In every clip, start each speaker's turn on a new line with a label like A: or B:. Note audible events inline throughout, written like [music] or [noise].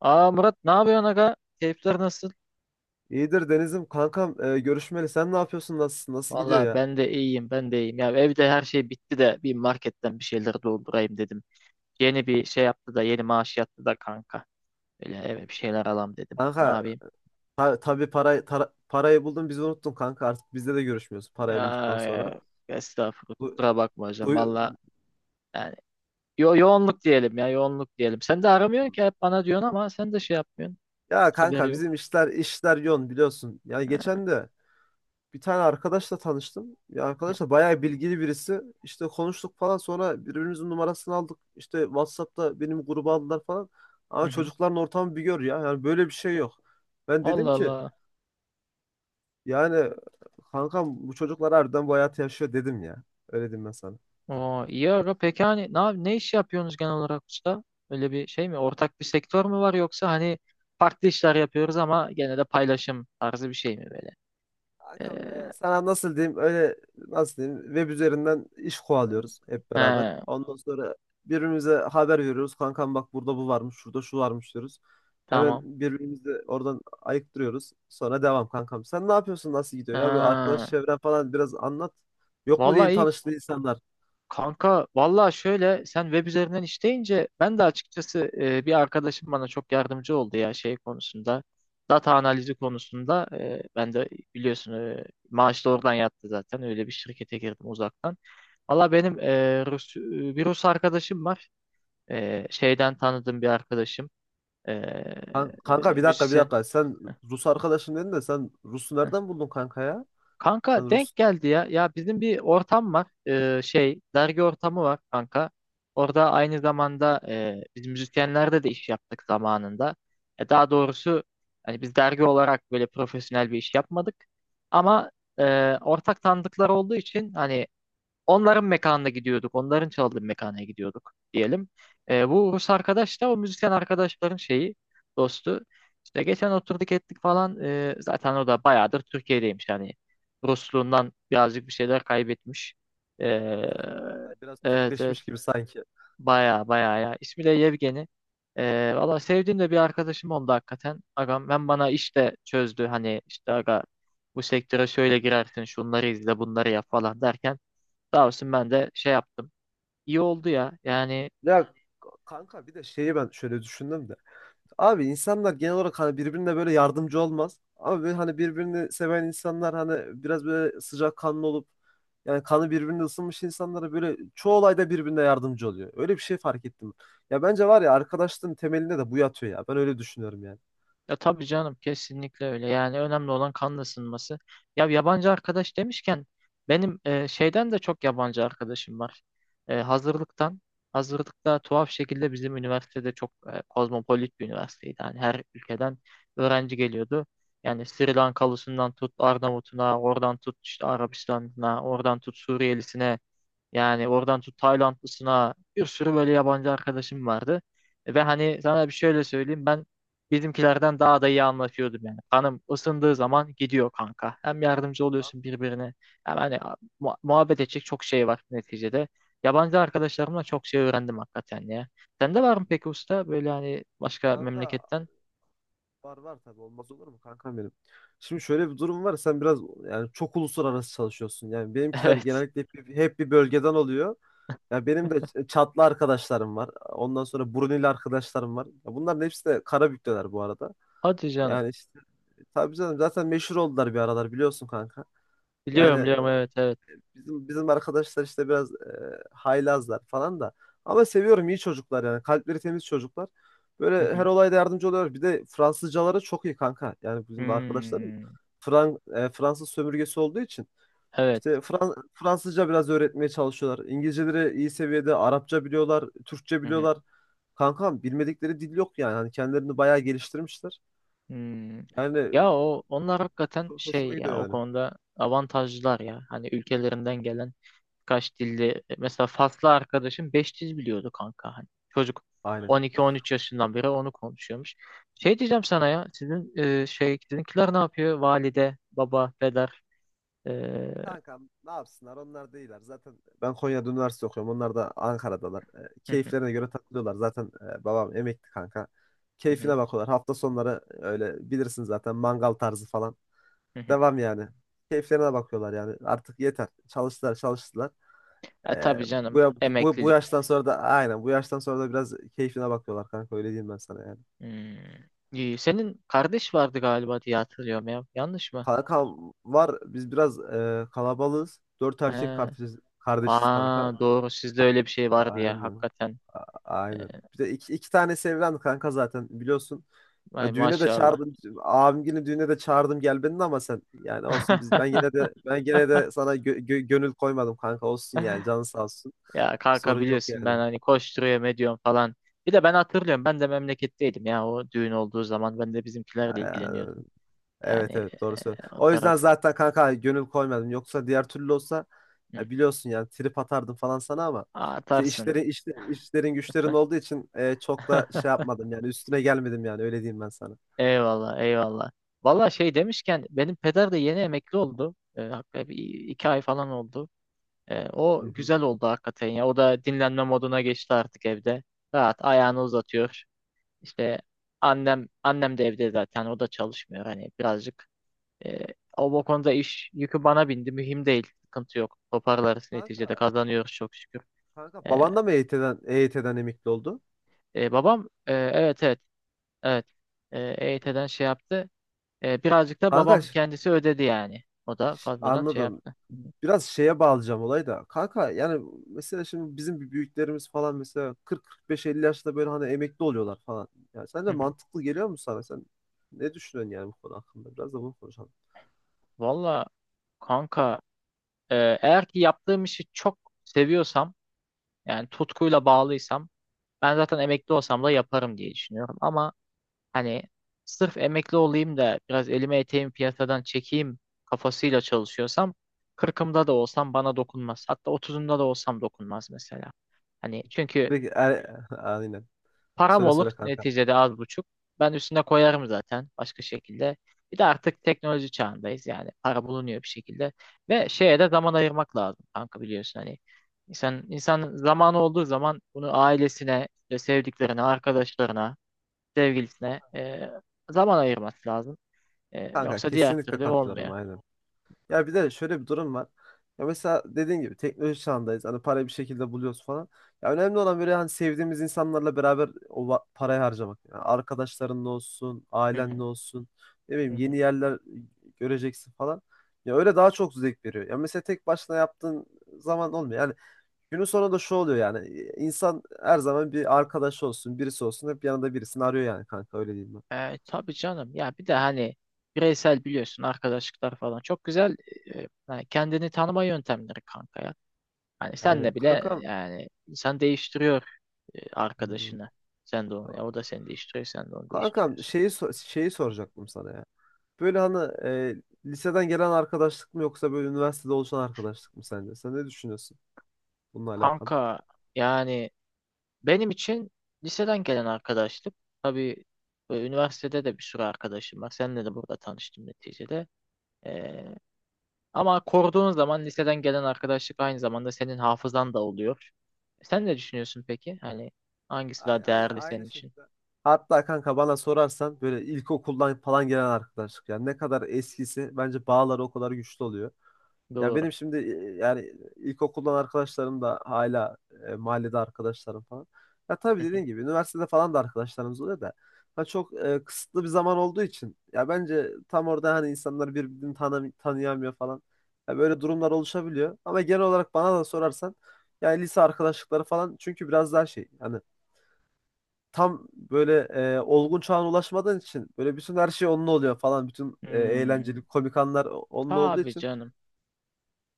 A: Aa Murat ne yapıyorsun aga? Keyifler nasıl?
B: İyidir Deniz'im kankam görüşmeli. Sen ne yapıyorsun? Nasılsın? Nasıl gidiyor
A: Valla
B: ya?
A: ben de iyiyim ben de iyiyim. Ya evde her şey bitti de bir marketten bir şeyler doldurayım dedim. Yeni bir şey yaptı da yeni maaş yattı da kanka. Böyle eve bir şeyler alam dedim. Ne
B: Kanka,
A: yapayım?
B: tabii parayı buldun, bizi unuttun kanka, artık bizde de görüşmüyorsun parayı bulduktan sonra.
A: Aa, Estağfurullah
B: Du-
A: kusura bakma hocam. Valla
B: duy-
A: yani yoğunluk diyelim ya yoğunluk diyelim. Sen de aramıyorsun ki hep bana diyorsun ama sen de şey yapmıyorsun.
B: ya
A: Haberi
B: kanka
A: yok.
B: bizim işler yoğun, biliyorsun. Yani
A: Ha.
B: geçen de bir tane arkadaşla tanıştım. Ya arkadaş da bayağı bilgili birisi. İşte konuştuk falan, sonra birbirimizin numarasını aldık. İşte WhatsApp'ta benim gruba aldılar falan. Ama
A: Hı hı.
B: çocukların ortamı bir gör ya. Yani böyle bir şey yok. Ben dedim
A: Allah
B: ki,
A: Allah.
B: yani kankam, bu çocuklar harbiden bu hayatı yaşıyor, dedim ya. Öyle diyeyim ben sana.
A: Oo, iyi aga. Peki hani ne iş yapıyorsunuz genel olarak usta? Öyle bir şey mi? Ortak bir sektör mü var, yoksa hani farklı işler yapıyoruz ama gene de paylaşım tarzı bir şey mi böyle?
B: Kankam,
A: Ee,
B: sana nasıl diyeyim, öyle nasıl diyeyim, web üzerinden iş kovalıyoruz hep beraber.
A: he,
B: Ondan sonra birbirimize haber veriyoruz. Kankam bak, burada bu varmış, şurada şu varmış diyoruz. Hemen
A: tamam.
B: birbirimizi oradan ayıktırıyoruz. Sonra devam kankam. Sen ne yapıyorsun? Nasıl gidiyor ya? Bir
A: Aa,
B: arkadaş çevren falan biraz anlat. Yok mu diye
A: vallahi iyi
B: tanıştığın insanlar?
A: kanka. Vallahi şöyle, sen web üzerinden işleyince ben de açıkçası bir arkadaşım bana çok yardımcı oldu ya şey konusunda. Data analizi konusunda ben de biliyorsun maaş da oradan yattı zaten. Öyle bir şirkete girdim uzaktan. Valla benim bir Rus arkadaşım var. Şeyden tanıdığım bir arkadaşım.
B: Kanka, bir dakika, bir
A: Müzisyen.
B: dakika. Sen
A: Heh,
B: Rus arkadaşım dedin de sen Rus'u
A: heh.
B: nereden buldun kanka ya?
A: Kanka
B: Sen Rus
A: denk geldi ya. Ya bizim bir ortam var. Şey, dergi ortamı var kanka. Orada aynı zamanda biz müzisyenlerde de iş yaptık zamanında. Daha doğrusu hani biz dergi olarak böyle profesyonel bir iş yapmadık. Ama ortak tanıdıklar olduğu için hani onların mekanına gidiyorduk. Onların çaldığı mekana gidiyorduk diyelim. Bu Rus arkadaş da o müzisyen arkadaşların şeyi, dostu. İşte geçen oturduk ettik falan. Zaten o da bayağıdır Türkiye'deymiş. Yani Rusluğundan birazcık bir şeyler kaybetmiş. E,
B: Anladım kanka. Biraz
A: evet
B: Türkleşmiş
A: evet.
B: gibi sanki.
A: Bayağı bayağı ya. İsmi de Yevgeni. Valla sevdiğim de bir arkadaşım oldu hakikaten. Agam ben, bana işte çözdü. Hani işte aga bu sektöre şöyle girersin, şunları izle bunları yap falan derken sağ olsun ben de şey yaptım. İyi oldu ya. Yani
B: Ya Kanka, bir de şeyi ben şöyle düşündüm de. Abi, insanlar genel olarak hani birbirine böyle yardımcı olmaz. Ama böyle hani birbirini seven insanlar, hani biraz böyle sıcakkanlı olup, yani kanı birbirine ısınmış insanlara, böyle çoğu olayda birbirine yardımcı oluyor. Öyle bir şey fark ettim. Ya bence var ya, arkadaşlığın temelinde de bu yatıyor ya. Ben öyle düşünüyorum yani.
A: ya tabii canım, kesinlikle öyle. Yani önemli olan kan ısınması. Ya yabancı arkadaş demişken benim şeyden de çok yabancı arkadaşım var. Hazırlıktan. Hazırlıkta tuhaf şekilde bizim üniversitede çok kozmopolit bir üniversiteydi. Yani her ülkeden öğrenci geliyordu. Yani Sri Lankalısından tut Arnavutuna, oradan tut işte Arabistan'ına, oradan tut Suriyelisine. Yani oradan tut Taylandlısına bir sürü böyle yabancı arkadaşım vardı. Ve hani sana bir şöyle söyleyeyim, ben bizimkilerden daha da iyi anlaşıyordum yani. Kanım ısındığı zaman gidiyor kanka. Hem yardımcı
B: Kanka,
A: oluyorsun birbirine, hem hani muhabbet edecek çok şey var neticede. Yabancı arkadaşlarımla çok şey öğrendim hakikaten ya. Sende var mı peki usta, böyle hani başka
B: Kanka,
A: memleketten?
B: var, var, tabii, olmaz olur mu kankam benim. Şimdi şöyle bir durum var, sen biraz yani çok uluslararası çalışıyorsun. Yani benimkiler
A: [laughs] Evet.
B: genellikle hep bir bölgeden oluyor. Ya benim de Çatlı arkadaşlarım var. Ondan sonra Brunei'li arkadaşlarım var. Ya bunların hepsi de Karabük'teler bu arada.
A: Hadi canım.
B: Yani işte tabii canım, zaten meşhur oldular bir aralar, biliyorsun kanka.
A: Biliyorum
B: Yani
A: biliyorum, evet evet.
B: bizim arkadaşlar işte biraz haylazlar falan da. Ama seviyorum, iyi çocuklar yani. Kalpleri temiz çocuklar.
A: Hı
B: Böyle her
A: hı.
B: olayda yardımcı oluyor. Bir de Fransızcaları çok iyi kanka. Yani bizim arkadaşlarım
A: Hmm.
B: Fransız sömürgesi olduğu için
A: Evet.
B: işte Fransızca biraz öğretmeye çalışıyorlar. İngilizceleri iyi seviyede, Arapça biliyorlar, Türkçe
A: Hı hı.
B: biliyorlar. Kankam bilmedikleri dil yok yani. Hani kendilerini bayağı geliştirmişler.
A: Hmm.
B: Yani
A: Ya o onlar hakikaten
B: çok
A: şey
B: hoşuma gidiyor
A: ya, o
B: yani.
A: konuda avantajlılar ya. Hani ülkelerinden gelen kaç dilli, mesela Faslı arkadaşım 5 dil biliyordu kanka hani. Çocuk
B: Aynen.
A: 12-13 yaşından beri onu konuşuyormuş. Şey diyeceğim sana ya, sizin şey, sizinkiler ne yapıyor? Valide, baba, peder. E,
B: Kankam, ne yapsınlar, onlar değiller. Zaten ben Konya'da üniversite okuyorum. Onlar da Ankara'dalar.
A: hı hı,
B: Keyiflerine göre takılıyorlar. Zaten babam emekli kanka.
A: hı hı,
B: Keyfine bakıyorlar. Hafta sonları öyle bilirsin zaten, mangal tarzı falan.
A: hı hı.
B: Devam yani. Keyiflerine bakıyorlar yani. Artık yeter. Çalıştılar, çalıştılar.
A: E
B: E,
A: tabii
B: bu,
A: canım,
B: ya- bu, bu
A: emeklilik.
B: yaştan sonra da, aynen, bu yaştan sonra da biraz keyfine bakıyorlar kanka. Öyle diyeyim ben sana yani.
A: Hmm. İyi, senin kardeş vardı galiba diye hatırlıyorum ya. Yanlış mı?
B: Kankam var. Biz biraz kalabalığız. Dört erkek
A: He.
B: kardeşiz
A: Aa
B: kanka.
A: doğru, sizde öyle bir şey vardı ya
B: Aynen.
A: hakikaten.
B: Aynen. Bir de iki tane evlendi kanka, zaten biliyorsun.
A: Vay
B: Ya düğüne de
A: maşallah.
B: çağırdım. Abim günü düğüne de çağırdım, gel beni de, ama sen yani olsun, ben
A: [laughs]
B: gene de sana gönül koymadım kanka, olsun yani, canın sağ olsun.
A: Ya kanka
B: Sorun yok
A: biliyorsun, ben
B: yani.
A: hani koşturuyorum ediyorum falan. Bir de ben hatırlıyorum, ben de memleketteydim ya o düğün olduğu zaman, ben de bizimkilerle
B: Yani,
A: ilgileniyordum.
B: evet,
A: Yani
B: evet, doğru söylüyorsun.
A: o
B: O
A: taraf.
B: yüzden zaten kanka gönül koymadım. Yoksa diğer türlü olsa
A: Hı.
B: ya, biliyorsun, yani trip atardım falan sana ama
A: Atarsın.
B: işlerin güçlerin olduğu için çok da şey
A: [laughs]
B: yapmadım yani, üstüne gelmedim yani, öyle diyeyim ben sana.
A: Eyvallah eyvallah. Valla şey demişken, benim peder de yeni emekli oldu. Hakikaten bir iki ay falan oldu.
B: Hı
A: O
B: hı.
A: güzel oldu hakikaten ya. O da dinlenme moduna geçti artık evde. Rahat ayağını uzatıyor. İşte annem de evde zaten, o da çalışmıyor. Hani birazcık e, o bu konuda iş yükü bana bindi. Mühim değil. Sıkıntı yok. Toparlarız neticede,
B: Kanka
A: kazanıyoruz çok şükür.
B: Kanka,
A: E,
B: baban da mı EYT'den emekli oldu?
A: babam evet, evet e, EYT'den şey yaptı. Birazcık da
B: Kanka,
A: babam kendisi ödedi yani. O da fazladan şey
B: anladım.
A: yaptı.
B: Biraz şeye bağlayacağım olayı da. Kanka yani mesela şimdi bizim bir büyüklerimiz falan mesela 40-45-50 yaşta böyle hani emekli oluyorlar falan. Yani
A: Hı
B: sence
A: hı.
B: mantıklı geliyor mu sana? Sen ne düşünüyorsun yani bu konu hakkında? Biraz da bunu konuşalım.
A: Valla kanka, e, eğer ki yaptığım işi çok seviyorsam, yani tutkuyla bağlıysam, ben zaten emekli olsam da yaparım diye düşünüyorum. Ama hani sırf emekli olayım da biraz elime eteğimi piyasadan çekeyim kafasıyla çalışıyorsam, kırkımda da olsam bana dokunmaz. Hatta otuzumda da olsam dokunmaz mesela. Hani çünkü
B: [laughs] Aynen.
A: param
B: Söyle,
A: olur
B: söyle kanka.
A: neticede az buçuk. Ben üstüne koyarım zaten başka şekilde. Bir de artık teknoloji çağındayız, yani para bulunuyor bir şekilde. Ve şeye de zaman ayırmak lazım kanka, biliyorsun hani. İnsan zamanı olduğu zaman bunu ailesine, işte sevdiklerine, arkadaşlarına, sevgilisine zaman ayırması lazım.
B: Kanka,
A: Yoksa diğer
B: kesinlikle
A: türlü
B: katılıyorum,
A: olmuyor.
B: aynen. Ya bir de şöyle bir durum var. Ya mesela, dediğin gibi, teknoloji çağındayız. Hani parayı bir şekilde buluyoruz falan. Ya önemli olan, böyle hani sevdiğimiz insanlarla beraber o parayı harcamak. Yani arkadaşlarınla olsun,
A: Hı hı,
B: ailenle olsun. Ne bileyim,
A: hı hı.
B: yeni yerler göreceksin falan. Ya öyle daha çok zevk veriyor. Ya mesela tek başına yaptığın zaman olmuyor. Yani günün sonunda şu oluyor yani. İnsan her zaman bir arkadaş olsun, birisi olsun. Hep yanında birisini arıyor yani kanka, öyle diyeyim ben.
A: E tabii canım. Ya bir de hani bireysel, biliyorsun, arkadaşlıklar falan çok güzel hani kendini tanıma yöntemleri kanka ya. Hani
B: Aynen.
A: senle bile
B: Kankam.
A: yani insan değiştiriyor
B: Hmm.
A: arkadaşını. Sen de onu,
B: Tamam.
A: ya o da seni değiştiriyor, sen de onu
B: Kankam,
A: değiştiriyorsun.
B: şeyi soracaktım sana ya. Böyle hani liseden gelen arkadaşlık mı, yoksa böyle üniversitede oluşan arkadaşlık mı sence? Sen ne düşünüyorsun bununla alakalı?
A: Kanka yani benim için liseden gelen arkadaşlık tabii, üniversitede de bir sürü arkadaşım var. Seninle de burada tanıştım neticede. Ee, ama koruduğun zaman liseden gelen arkadaşlık aynı zamanda senin hafızan da oluyor. Sen ne düşünüyorsun peki? Hani hangisi
B: Aynı,
A: daha
B: aynı,
A: değerli
B: aynı
A: senin için?
B: şekilde. Hatta kanka, bana sorarsan, böyle ilkokuldan falan gelen arkadaşlık. Yani ne kadar eskisi, bence bağları o kadar güçlü oluyor. Ya
A: Doğru.
B: benim şimdi yani ilkokuldan arkadaşlarım da hala mahallede arkadaşlarım falan. Ya tabii
A: Hı hı.
B: dediğin gibi üniversitede falan da arkadaşlarımız oluyor da. Ha çok kısıtlı bir zaman olduğu için ya, bence tam orada hani insanlar birbirini tanıyamıyor falan. Ya böyle durumlar oluşabiliyor. Ama genel olarak bana da sorarsan yani lise arkadaşlıkları falan çünkü biraz daha şey, hani tam böyle olgun çağına ulaşmadığın için böyle bütün her şey onun oluyor falan. Bütün
A: Hmm,
B: eğlenceli komik anlar onun olduğu
A: tabii
B: için
A: canım.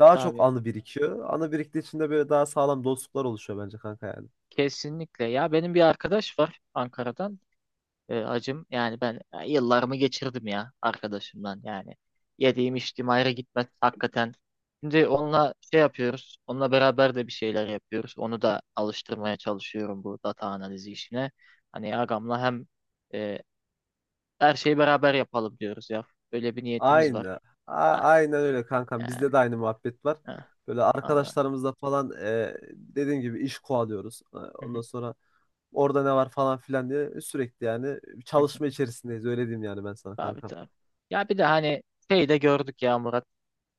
B: daha çok
A: Tabii.
B: anı birikiyor. Anı biriktiği için de böyle daha sağlam dostluklar oluşuyor bence kanka yani.
A: Kesinlikle. Ya benim bir arkadaş var Ankara'dan. Acım. Yani ben yıllarımı geçirdim ya arkadaşımdan yani. Yediğim içtiğim ayrı gitmez hakikaten. Şimdi onunla şey yapıyoruz. Onunla beraber de bir şeyler yapıyoruz. Onu da alıştırmaya çalışıyorum bu data analizi işine. Hani ağamla hem e, her şeyi beraber yapalım diyoruz ya. Böyle bir niyetimiz var.
B: Aynı. A
A: Ha,
B: aynen öyle kankam.
A: yani,
B: Bizde de aynı muhabbet var.
A: ha,
B: Böyle
A: vallahi.
B: arkadaşlarımızla falan dediğim gibi iş kovalıyoruz. Ondan sonra orada ne var falan filan diye sürekli yani çalışma
A: [laughs]
B: içerisindeyiz. Öyle diyeyim yani ben sana
A: Abi
B: kankam.
A: tabii. Ya bir de hani şey de gördük ya Murat.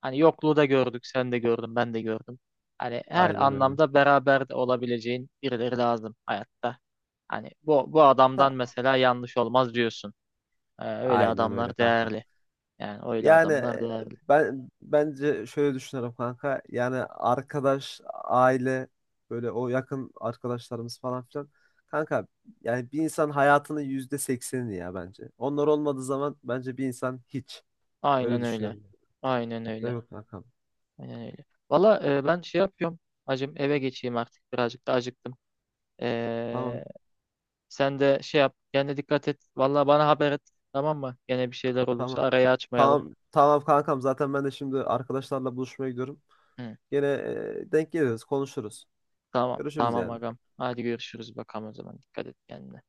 A: Hani yokluğu da gördük, sen de gördün, ben de gördüm. Hani her
B: Aynen öyle.
A: anlamda beraber de olabileceğin birileri lazım hayatta. Hani bu
B: Ha.
A: adamdan mesela yanlış olmaz diyorsun. Öyle
B: Aynen öyle
A: adamlar
B: kankam.
A: değerli. Yani öyle
B: Yani
A: adamlar değerli.
B: ben bence şöyle düşünüyorum kanka. Yani arkadaş, aile, böyle o yakın arkadaşlarımız falan filan. Kanka yani bir insan hayatının %80'ini ya, bence. Onlar olmadığı zaman bence bir insan hiç.
A: Aynen
B: Öyle
A: öyle.
B: düşünüyorum.
A: Aynen
B: Değil
A: öyle.
B: mi kankam?
A: Aynen öyle. Valla ben şey yapıyorum. Hacım eve geçeyim artık. Birazcık da acıktım.
B: Tamam,
A: Ee, sen de şey yap. Kendine dikkat et. Valla bana haber et. Tamam mı? Gene bir şeyler olursa
B: tamam.
A: arayı açmayalım.
B: Tamam, tamam kankam. Zaten ben de şimdi arkadaşlarla buluşmaya gidiyorum.
A: Hı.
B: Yine denk geliriz, konuşuruz.
A: Tamam
B: Görüşürüz
A: tamam
B: yani.
A: agam. Hadi görüşürüz bakalım o zaman. Dikkat et kendine.